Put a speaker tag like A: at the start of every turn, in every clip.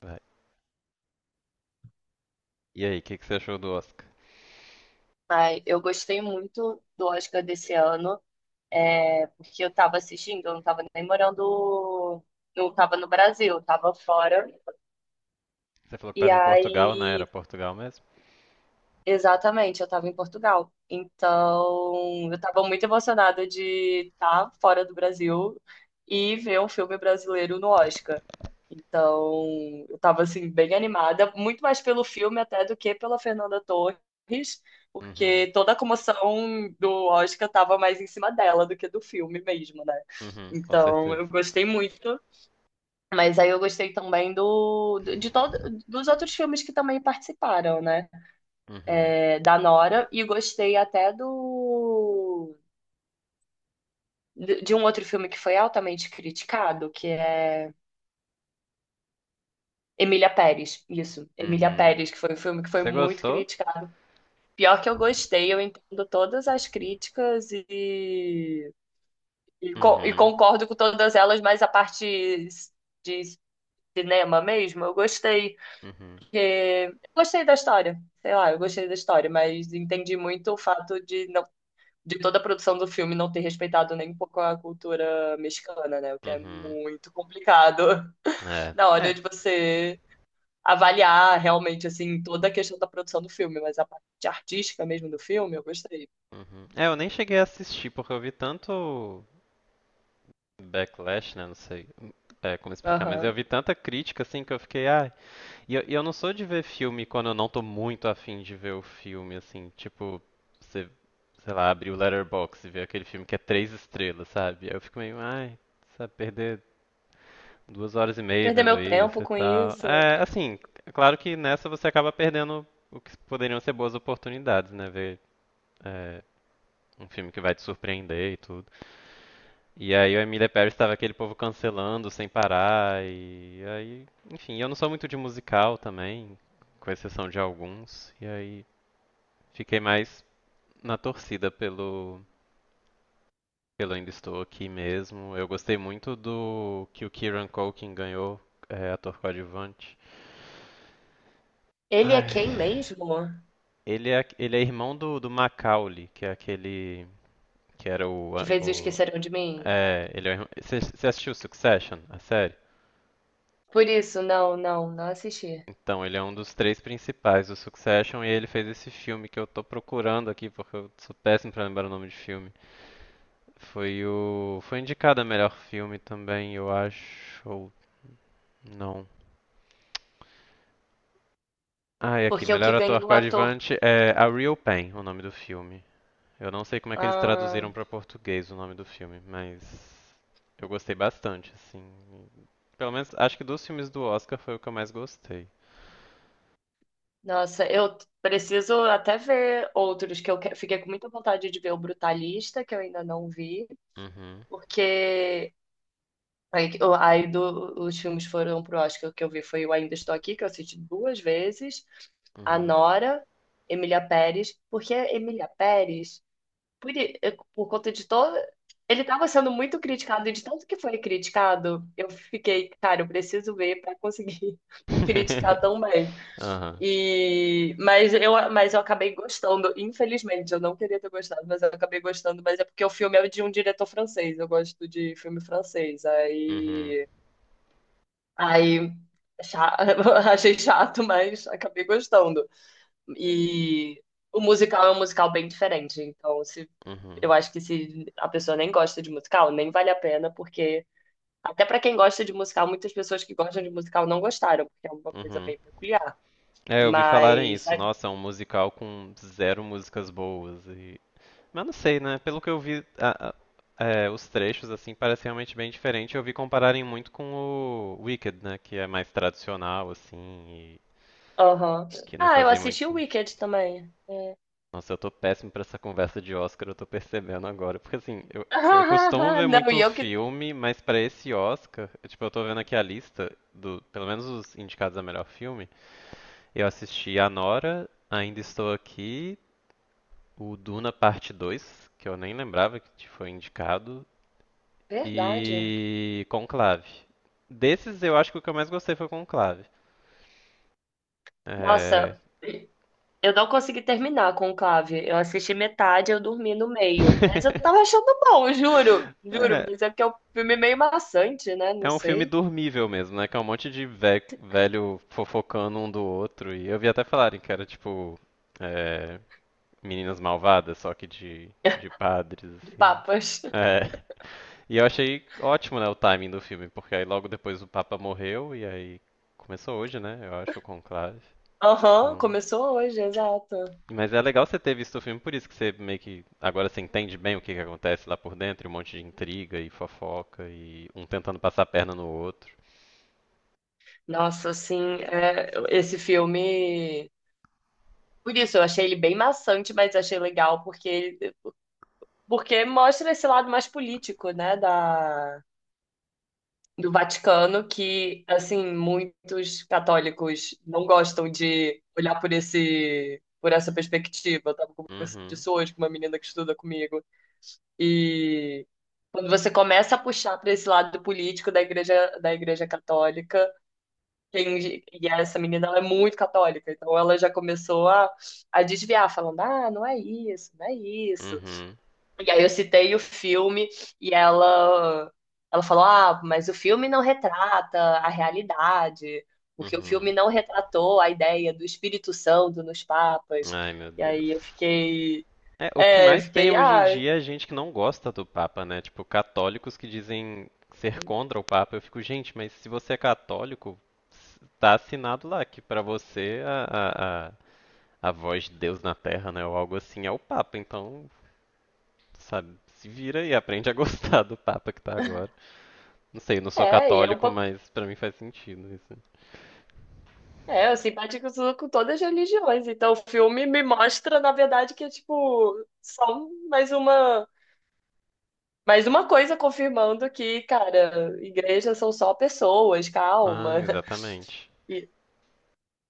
A: Vai. E aí, o que, que você achou do Oscar?
B: Ai, eu gostei muito do Oscar desse ano, porque eu estava assistindo, eu não estava nem morando, não estava no Brasil, eu estava fora.
A: Você falou que
B: E
A: tava em Portugal, né? Era
B: aí,
A: Portugal mesmo?
B: exatamente, eu estava em Portugal. Então, eu estava muito emocionada de estar fora do Brasil e ver um filme brasileiro no Oscar. Então, eu estava assim bem animada, muito mais pelo filme até do que pela Fernanda Torres,
A: Uhum.
B: porque toda a comoção do Oscar estava mais em cima dela do que do filme mesmo, né?
A: Uhum, com
B: Então,
A: certeza.
B: eu gostei muito. Mas aí eu gostei também de todos dos outros filmes que também participaram, né?
A: Uhum.
B: É da Nora, e gostei até do de um outro filme que foi altamente criticado, que é Emília Pérez. Isso, Emília
A: Uhum.
B: Pérez, que foi um filme que foi
A: Você
B: muito
A: gostou?
B: criticado. Pior que eu gostei, eu entendo todas as críticas e, e
A: Uhum.
B: concordo com todas elas, mas a parte de cinema mesmo, eu gostei.
A: Uhum.
B: Porque eu gostei da história, sei lá, eu gostei da história, mas entendi muito o fato de não de toda a produção do filme não ter respeitado nem um pouco a cultura mexicana, né? O que é
A: Uhum.
B: muito complicado
A: É.
B: na
A: É.
B: hora de você avaliar realmente assim toda a questão da produção do filme, mas a parte artística mesmo do filme, eu gostei.
A: Uhum. É, eu nem cheguei a assistir porque eu vi tanto backlash, né? Não sei como explicar, mas eu
B: Aham.
A: vi tanta crítica assim que eu fiquei, ah, e eu não sou de ver filme quando eu não tô muito afim de ver o filme, assim, tipo, você, sei lá, abrir o Letterboxd e ver aquele filme que é três estrelas, sabe? Aí eu fico meio, ai, sabe, perder 2 horas e meia
B: Perder
A: vendo
B: meu
A: isso
B: tempo
A: e
B: com
A: tal.
B: isso.
A: É, assim, é claro que nessa você acaba perdendo o que poderiam ser boas oportunidades, né? Ver, é, um filme que vai te surpreender e tudo. E aí o Emília Pérez estava aquele povo cancelando sem parar e aí, enfim, eu não sou muito de musical também, com exceção de alguns, e aí fiquei mais na torcida pelo Ainda Estou Aqui mesmo. Eu gostei muito do que o Kieran Culkin ganhou, ator coadjuvante.
B: Ele é
A: Ai,
B: quem mesmo
A: ele é irmão do Macaulay, que é aquele que era o.
B: que fez o
A: o
B: Esqueceram de Mim?
A: é, ele é, você você assistiu Succession, a série?
B: Por isso, não, não, não assisti.
A: Então, ele é um dos três principais do Succession e ele fez esse filme que eu tô procurando aqui porque eu sou péssimo pra lembrar o nome de filme. Foi indicado a melhor filme também, eu acho. Ou não. Ah, e aqui,
B: Porque o
A: melhor
B: que
A: ator
B: ganhou o ator.
A: coadjuvante é A Real Pain, o nome do filme. Eu não sei como é que eles
B: Ah.
A: traduziram pra português o nome do filme, mas eu gostei bastante, assim. Pelo menos acho que dos filmes do Oscar foi o que eu mais gostei.
B: Nossa, eu preciso até ver outros que fiquei com muita vontade de ver o Brutalista, que eu ainda não vi,
A: Uhum.
B: porque aí, que- aí do- os filmes foram pro Oscar. O que eu vi foi o Ainda Estou Aqui, que eu assisti duas vezes, a
A: Uhum.
B: Nora, Emília Pérez, porque a Emília Pérez, por conta de todo. Ele estava sendo muito criticado, e de tanto que foi criticado, eu fiquei, cara, eu preciso ver para conseguir criticar também. E, mas eu acabei gostando, infelizmente, eu não queria ter gostado, mas eu acabei gostando, mas é porque o filme é de um diretor francês, eu gosto de filme francês,
A: Uhum.
B: aí, aí cha- achei chato, mas acabei gostando. E o musical é um musical bem diferente, então, se,
A: Uhum.
B: eu acho que se a pessoa nem gosta de musical, nem vale a pena, porque até pra quem gosta de musical, muitas pessoas que gostam de musical não gostaram, porque é uma coisa
A: Uhum.
B: bem peculiar.
A: É, eu ouvi falarem
B: Mas.
A: isso. Nossa, é um musical com zero músicas boas. E... Mas não sei, né? Pelo que eu vi, os trechos, assim, parece realmente bem diferente. Eu vi compararem muito com o Wicked, né? Que é mais tradicional, assim, e
B: Aham.
A: que não
B: Ah, eu
A: fazia muito
B: assisti o
A: sentido.
B: Wicked também. É.
A: Nossa, eu tô péssimo pra essa conversa de Oscar, eu tô percebendo agora. Porque, assim, eu costumo ver
B: Não,
A: muito
B: e eu que.
A: filme, mas pra esse Oscar, tipo, eu tô vendo aqui a lista do, pelo menos os indicados a melhor filme. Eu assisti a Nora, Ainda Estou Aqui, o Duna Parte 2, que eu nem lembrava que foi indicado,
B: Verdade.
A: e Conclave. Desses, eu acho que o que eu mais gostei foi Conclave. É.
B: Nossa, eu não consegui terminar com o Conclave. Eu assisti metade, eu dormi no meio. Mas eu tava achando bom, juro. Juro,
A: é,
B: mas é porque é um filme meio maçante, né?
A: é
B: Não
A: um filme
B: sei.
A: dormível mesmo, né? Que é um monte de velho fofocando um do outro. E eu vi até falarem que era tipo é, meninas malvadas, só que de padres,
B: De
A: assim.
B: papas.
A: É. E eu achei ótimo, né, o timing do filme, porque aí logo depois o Papa morreu e aí começou hoje, né, eu acho, o conclave.
B: Aham,
A: Então.
B: começou hoje, exato.
A: Mas é legal você ter visto o filme, por isso que você meio que agora você entende bem o que, que acontece lá por dentro, e um monte de intriga e fofoca e um tentando passar a perna no outro.
B: Nossa, assim, é, esse filme. Por isso, eu achei ele bem maçante, mas achei legal, porque porque mostra esse lado mais político, né? Do Vaticano que, assim, muitos católicos não gostam de olhar por esse, por essa perspectiva. Eu tava conversando
A: Uhum,
B: disso hoje com uma menina que estuda comigo. E quando você começa a puxar para esse lado político da igreja católica, e essa menina, ela é muito católica, então ela já começou a, desviar, falando: ah, não é isso, não é isso.
A: uhum,
B: E aí eu citei o filme e ela falou: "Ah, mas o filme não retrata a realidade, porque o
A: uhum.
B: filme não retratou a ideia do Espírito Santo nos papas".
A: Ai, meu
B: E
A: Deus.
B: aí eu fiquei,
A: É, o que mais tem hoje em
B: ah,
A: dia é gente que não gosta do Papa, né? Tipo, católicos que dizem ser contra o Papa. Eu fico, gente, mas se você é católico, tá assinado lá que pra você a, a voz de Deus na Terra, né, ou algo assim, é o Papa. Então, sabe, se vira e aprende a gostar do Papa que tá agora. Não sei, eu não sou
B: e é um
A: católico,
B: pouco.
A: mas pra mim faz sentido isso.
B: É, eu simpatizo com todas as religiões. Então, o filme me mostra, na verdade, que é tipo só mais uma, mais uma coisa confirmando que, cara, igrejas são só pessoas,
A: Ah,
B: calma.
A: exatamente.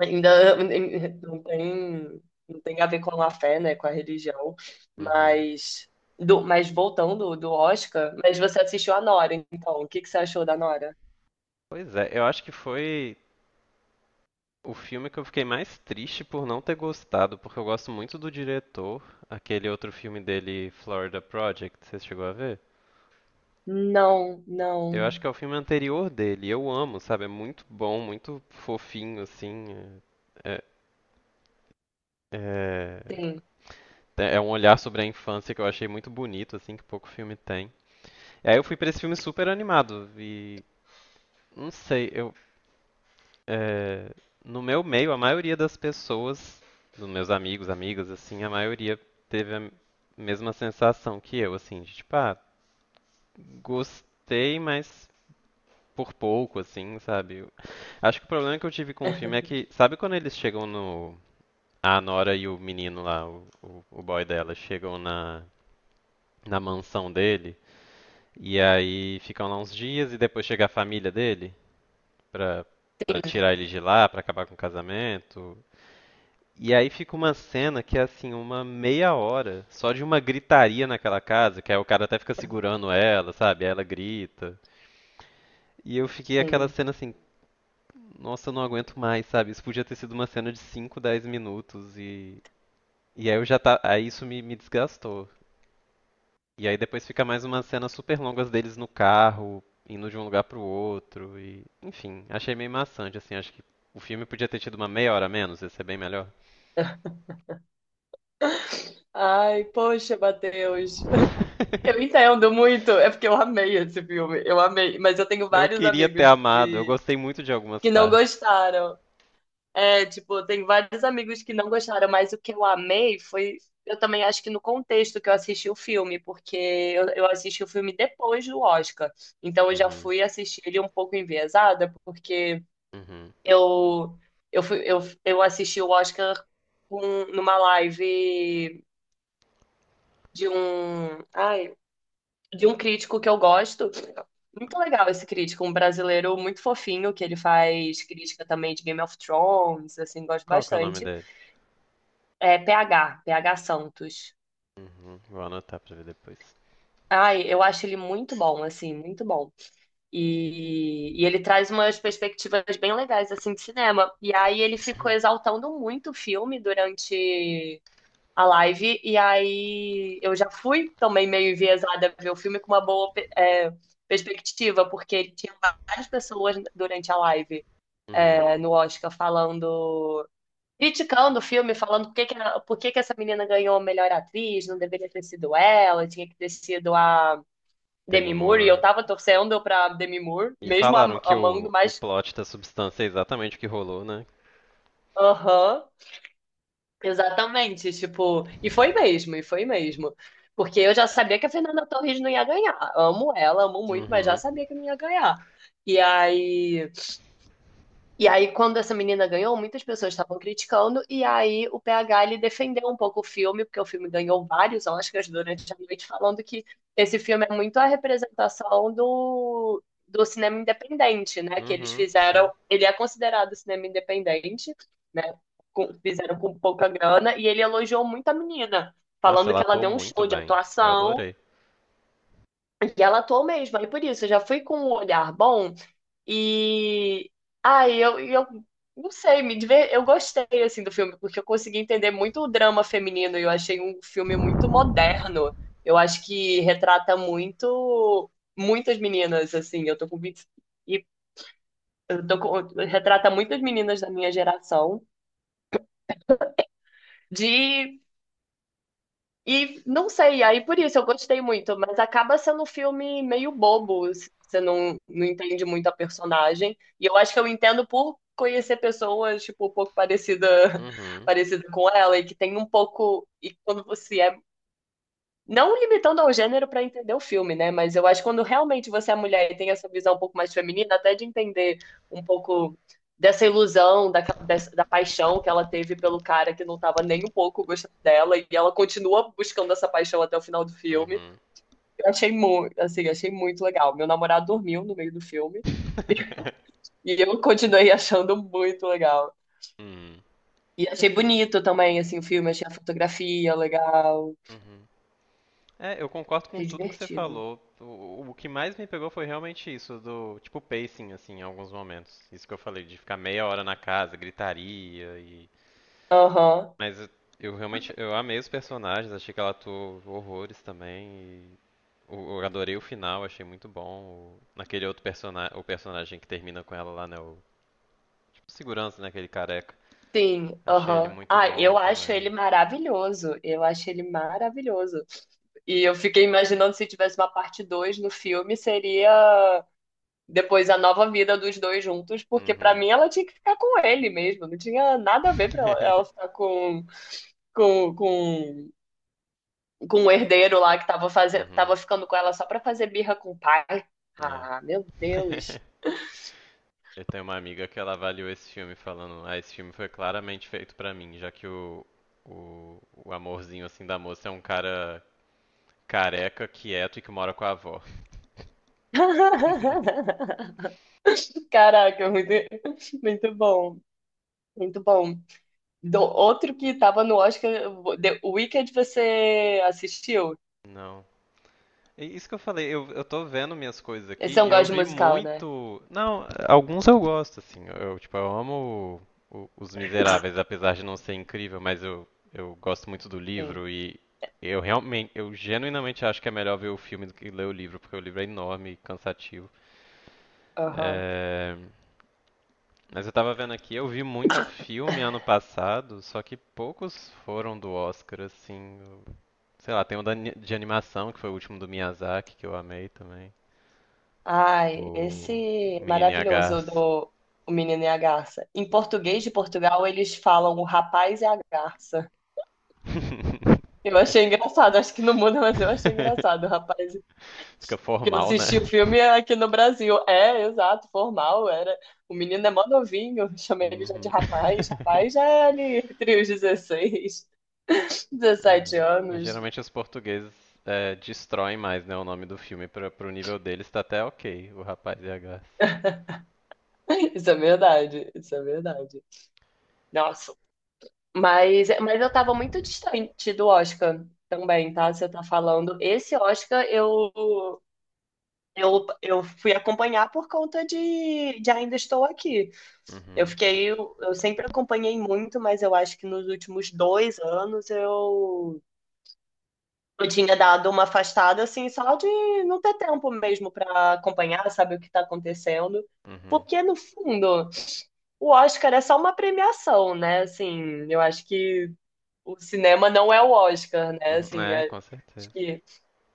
B: Ainda nem- não tem, não tem a ver com a fé, né, com a religião,
A: Uhum.
B: mas mas voltando do Oscar, mas você assistiu a Nora, então, o que que você achou da Nora?
A: Pois é, eu acho que foi o filme que eu fiquei mais triste por não ter gostado, porque eu gosto muito do diretor, aquele outro filme dele, Florida Project, você chegou a ver?
B: Não,
A: Eu
B: não,
A: acho que é o filme anterior dele. Eu amo, sabe? É muito bom, muito fofinho, assim. É, é,
B: sim,
A: é um olhar sobre a infância que eu achei muito bonito, assim, que pouco filme tem. E aí eu fui pra esse filme super animado e não sei, é, no meu meio a maioria das pessoas, dos meus amigos, amigas, assim, a maioria teve a mesma sensação que eu, assim, de tipo, ah, gostei, mas por pouco, assim, sabe? Acho que o problema que eu tive com o filme é que, sabe quando eles chegam no. A Nora e o menino lá, o boy dela, chegam na mansão dele, e aí ficam lá uns dias e depois chega a família dele pra, pra tirar ele de lá, pra acabar com o casamento. E aí fica uma cena que é assim, uma meia hora só de uma gritaria naquela casa, que aí o cara até fica segurando ela, sabe? Aí ela grita. E eu fiquei aquela
B: sim.
A: cena assim, nossa, eu não aguento mais, sabe? Isso podia ter sido uma cena de 5 10 minutos. E aí eu já tá. Aí isso me desgastou. E aí depois fica mais umas cenas super longas deles no carro, indo de um lugar pro outro. E. Enfim, achei meio maçante, assim. Acho que o filme podia ter tido uma meia hora a menos, ia ser bem melhor.
B: Ai, poxa, Matheus. Eu entendo muito, é porque eu amei esse filme, eu amei, mas eu tenho
A: Eu
B: vários
A: queria ter
B: amigos
A: amado, eu
B: que,
A: gostei muito de algumas
B: que não
A: partes.
B: gostaram. É, tipo, tem vários amigos que não gostaram, mas o que eu amei foi. Eu também acho que no contexto que eu assisti o filme, porque eu assisti o filme depois do Oscar. Então eu já
A: Uhum,
B: fui assistir ele um pouco enviesada, porque
A: uhum.
B: eu, eu assisti o Oscar, numa live de um, ai, de um crítico que eu gosto. Muito legal esse crítico, um brasileiro muito fofinho, que ele faz crítica também de Game of Thrones, assim, gosto
A: Qual que é o nome
B: bastante.
A: dele?
B: É PH, PH Santos.
A: Uhum, vou anotar pra ver depois.
B: Ai, eu acho ele muito bom, assim, muito bom. E ele traz umas perspectivas bem legais, assim, de cinema. E aí ele ficou exaltando muito o filme durante a live. E aí eu já fui também meio enviesada a ver o filme com uma boa, é, perspectiva, porque ele tinha várias pessoas durante a live,
A: Uhum.
B: no Oscar falando, criticando o filme, falando por que que essa menina ganhou a melhor atriz, não deveria ter sido ela, tinha que ter sido a
A: Demi
B: Demi Moore, e eu
A: Moore,
B: tava torcendo pra Demi Moore,
A: e
B: mesmo
A: falaram que
B: amando,
A: o
B: mas
A: plot da substância é exatamente o que rolou, né?
B: aham, exatamente, tipo, e foi mesmo, e foi mesmo. Porque eu já sabia que a Fernanda Torres não ia ganhar. Amo ela, amo muito, mas já
A: Uhum.
B: sabia que não ia ganhar. E aí. E aí, quando essa menina ganhou, muitas pessoas estavam criticando, e aí o PH, ele defendeu um pouco o filme, porque o filme ganhou vários Oscars durante a noite, falando que esse filme é muito a representação do cinema independente, né? Que eles
A: Uhum,
B: fizeram,
A: sim.
B: ele é considerado cinema independente, né? Fizeram com pouca grana, e ele elogiou muito a menina,
A: Nossa,
B: falando
A: ela
B: que ela
A: atuou
B: deu um
A: muito
B: show de
A: bem. Eu
B: atuação,
A: adorei.
B: e ela atuou mesmo. Aí por isso, eu já fui com um olhar bom, e ai, eu, e eu não sei, eu gostei assim do filme porque eu consegui entender muito o drama feminino e eu achei um filme muito moderno. Eu acho que retrata muito muitas meninas assim, eu tô com 20, e eu tô com... retrata muitas meninas da minha geração de e não sei, aí por isso eu gostei muito, mas acaba sendo um filme meio bobo, se você não entende muito a personagem. E eu acho que eu entendo por conhecer pessoas, tipo, um pouco parecida,
A: Uhum.
B: parecida com ela, e que tem um pouco. E quando você é não limitando ao gênero para entender o filme, né? Mas eu acho que quando realmente você é mulher e tem essa visão um pouco mais feminina, até de entender um pouco dessa ilusão, da paixão que ela teve pelo cara que não estava nem um pouco gostando dela, e ela continua buscando essa paixão até o final do filme.
A: Uhum.
B: Eu achei muito, assim, achei muito legal. Meu namorado dormiu no meio do filme e eu continuei achando muito legal.
A: Hum,
B: E achei bonito também, assim, o filme, achei a fotografia legal,
A: uhum. É, eu concordo com
B: achei
A: tudo que você
B: divertido.
A: falou. O que mais me pegou foi realmente isso, do tipo pacing, assim, em alguns momentos. Isso que eu falei, de ficar meia hora na casa, gritaria. E.
B: Aham.
A: Mas eu realmente eu amei os personagens, achei que ela atuou horrores também. Eu adorei o final, achei muito bom. Naquele outro personagem, o personagem que termina com ela lá, né? O tipo, segurança, né? Aquele careca.
B: Sim,
A: Achei ele
B: aham.
A: muito
B: Ah,
A: bom
B: eu acho ele
A: também.
B: maravilhoso. Eu acho ele maravilhoso. E eu fiquei imaginando, se tivesse uma parte 2 no filme, seria depois a nova vida dos dois juntos, porque pra
A: Uhum.
B: mim ela tinha que ficar com ele mesmo. Não tinha nada a ver pra ela ficar com, com, com o herdeiro lá que tava fazendo,
A: Uhum.
B: tava ficando com ela só pra fazer birra com o pai.
A: É.
B: Ah, meu Deus.
A: Eu tenho uma amiga que ela avaliou esse filme falando, ah, esse filme foi claramente feito pra mim, já que o, o amorzinho assim da moça é um cara careca, quieto e que mora com a avó.
B: Caraca, muito, muito bom. Muito bom. Outro que tava no Oscar, The Wicked, você assistiu?
A: Não, é isso que eu falei, eu tô vendo minhas coisas
B: Esse
A: aqui
B: é um
A: e eu
B: gosto de
A: vi
B: musical, né?
A: muito. Não, alguns eu gosto, assim. Tipo, eu amo Os Miseráveis, apesar de não ser incrível, mas eu gosto muito do
B: Sim.
A: livro e eu realmente, eu genuinamente acho que é melhor ver o filme do que ler o livro, porque o livro é enorme e cansativo.
B: Aham.
A: É, mas eu tava vendo aqui, eu vi muito filme ano passado, só que poucos foram do Oscar, assim. Sei lá, tem um de animação, que foi o último do Miyazaki, que eu amei também.
B: Ai, esse
A: O
B: é
A: menino
B: maravilhoso,
A: H.
B: o do O Menino e a Garça. Em português de Portugal, eles falam o rapaz e a garça. Eu achei engraçado, acho que no mundo, mas eu achei engraçado, o rapaz.
A: Fica
B: Que eu
A: formal,
B: assisti o
A: né?
B: filme aqui no Brasil. É, exato, formal, era. O menino é mó novinho, chamei ele já de
A: Uhum.
B: rapaz. Rapaz já é ali entre os 16.
A: É.
B: 17
A: Mas
B: anos.
A: geralmente os portugueses destroem mais, né, o nome do filme pro nível deles tá até ok, o rapaz e a.
B: Isso é verdade, isso é verdade. Nossa, mas eu tava muito distante do Oscar também, tá? Você tá falando. Esse Oscar eu, fui acompanhar por conta de Ainda Estou Aqui. Eu
A: Uhum,
B: fiquei, eu sempre acompanhei muito, mas eu acho que nos últimos 2 anos eu tinha dado uma afastada, assim, só de não ter tempo mesmo pra acompanhar, saber o que tá acontecendo.
A: uhum,
B: Porque, no fundo, o Oscar é só uma premiação, né? Assim, eu acho que o cinema não é o Oscar, né?
A: uhum.
B: Assim,
A: É, com
B: acho
A: certeza.
B: que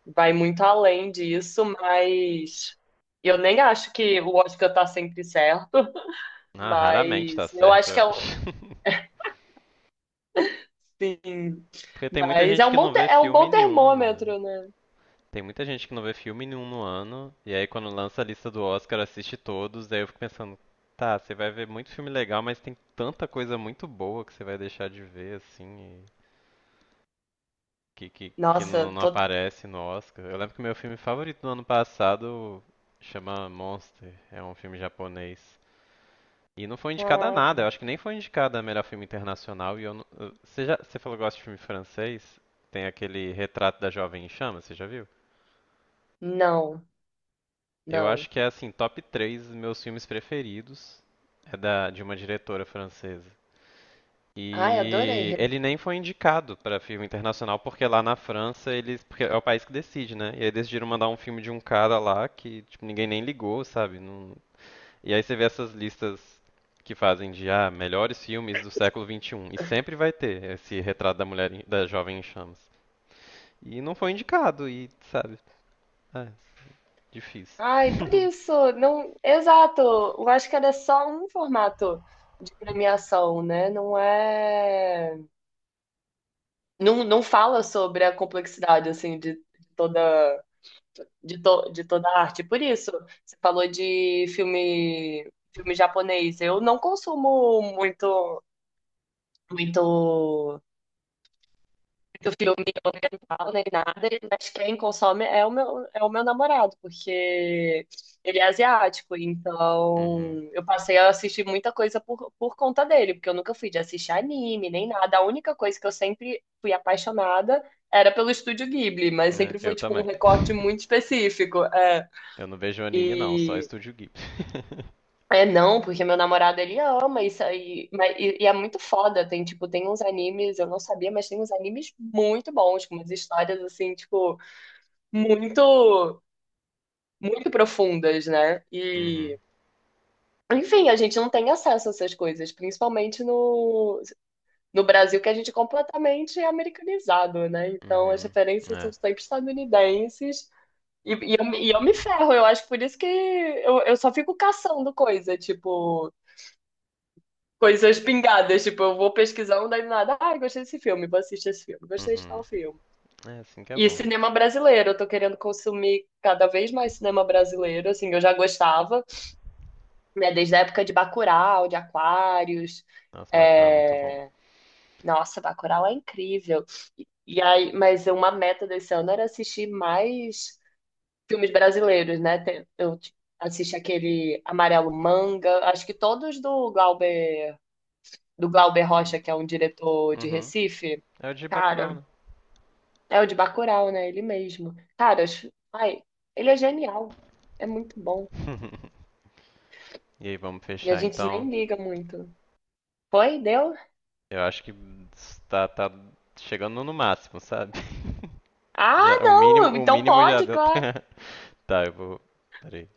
B: vai muito além disso, mas eu nem acho que o Oscar tá sempre certo,
A: Ah, raramente tá
B: mas eu
A: certo,
B: acho
A: eu
B: que é um,
A: acho.
B: sim,
A: Porque tem muita
B: mas é
A: gente
B: um
A: que não
B: bom,
A: vê
B: é um
A: filme
B: bom
A: nenhum, né?
B: termômetro, né?
A: Tem muita gente que não vê filme nenhum no ano, e aí quando lança a lista do Oscar, assiste todos, daí eu fico pensando, tá, você vai ver muito filme legal, mas tem tanta coisa muito boa que você vai deixar de ver, assim, e que
B: Nossa,
A: não
B: tô,
A: aparece no Oscar. Eu lembro que meu filme favorito do ano passado chama Monster, é um filme japonês. E não foi indicado a nada, eu
B: caraca.
A: acho que nem foi indicado a melhor filme internacional, e eu não. Você falou que gosta de filme francês? Tem aquele Retrato da Jovem em Chamas, você já viu?
B: Não,
A: Eu acho
B: não.
A: que é assim, top 3 meus filmes preferidos. É de uma diretora francesa.
B: Ai, adorei.
A: E ele nem foi indicado para filme internacional, porque lá na França eles. Porque é o país que decide, né? E aí decidiram mandar um filme de um cara lá que tipo, ninguém nem ligou, sabe? E aí você vê essas listas que fazem de ah, melhores filmes do século XXI e sempre vai ter esse retrato da jovem em chamas. E não foi indicado, e sabe? É, difícil.
B: Ai, por isso, não, exato. Eu acho que era só um formato de premiação, né? Não é, não, não fala sobre a complexidade assim de toda de toda a arte. Por isso, você falou de filme japonês. Eu não consumo muito que o filme eu não nem nada, mas quem consome é o meu, namorado, porque ele é asiático,
A: Uhum.
B: então eu passei a assistir muita coisa por conta dele, porque eu nunca fui de assistir anime nem nada. A única coisa que eu sempre fui apaixonada era pelo Estúdio Ghibli, mas
A: É,
B: sempre foi
A: eu
B: tipo um
A: também.
B: recorte muito específico. É.
A: Eu não vejo anime não, só
B: E
A: Estúdio Ghibli.
B: é, não, porque meu namorado ele ama isso aí, mas, e é muito foda, tem tipo, tem uns animes, eu não sabia, mas tem uns animes muito bons, com umas histórias assim, tipo, muito, muito profundas, né?
A: Uhum,
B: E, enfim, a gente não tem acesso a essas coisas, principalmente no Brasil, que a gente é completamente americanizado, né? Então as
A: uhum,
B: referências são
A: é,
B: sempre estadunidenses, e, e eu me ferro. Eu acho, por isso que eu só fico caçando coisa, tipo. Coisas pingadas. Tipo, eu vou pesquisando, daí do nada, ah, gostei desse filme, vou assistir esse filme, gostei de
A: uhum.
B: tal filme.
A: É assim que é
B: E
A: bom.
B: cinema brasileiro, eu tô querendo consumir cada vez mais cinema brasileiro, assim, eu já gostava, né, desde a época de Bacurau, de Aquários.
A: Nossa, Bacurau é muito bom.
B: É... Nossa, Bacurau é incrível. E aí, mas uma meta desse ano era assistir mais filmes brasileiros, né? Eu tipo, assisti aquele Amarelo Manga, acho que todos do Glauber Rocha, que é um diretor de
A: Uhum,
B: Recife.
A: é o de Bacurau,
B: Cara,
A: né?
B: é o de Bacurau, né? Ele mesmo. Cara, ai, ele é genial. É muito bom.
A: E aí, vamos
B: E a
A: fechar
B: gente
A: então.
B: nem liga muito. Foi? Deu?
A: Eu acho que tá chegando no máximo, sabe?
B: Ah,
A: Já, o mínimo,
B: não!
A: o
B: Então
A: mínimo já
B: pode,
A: deu.
B: claro.
A: Tá, eu vou. Peraí.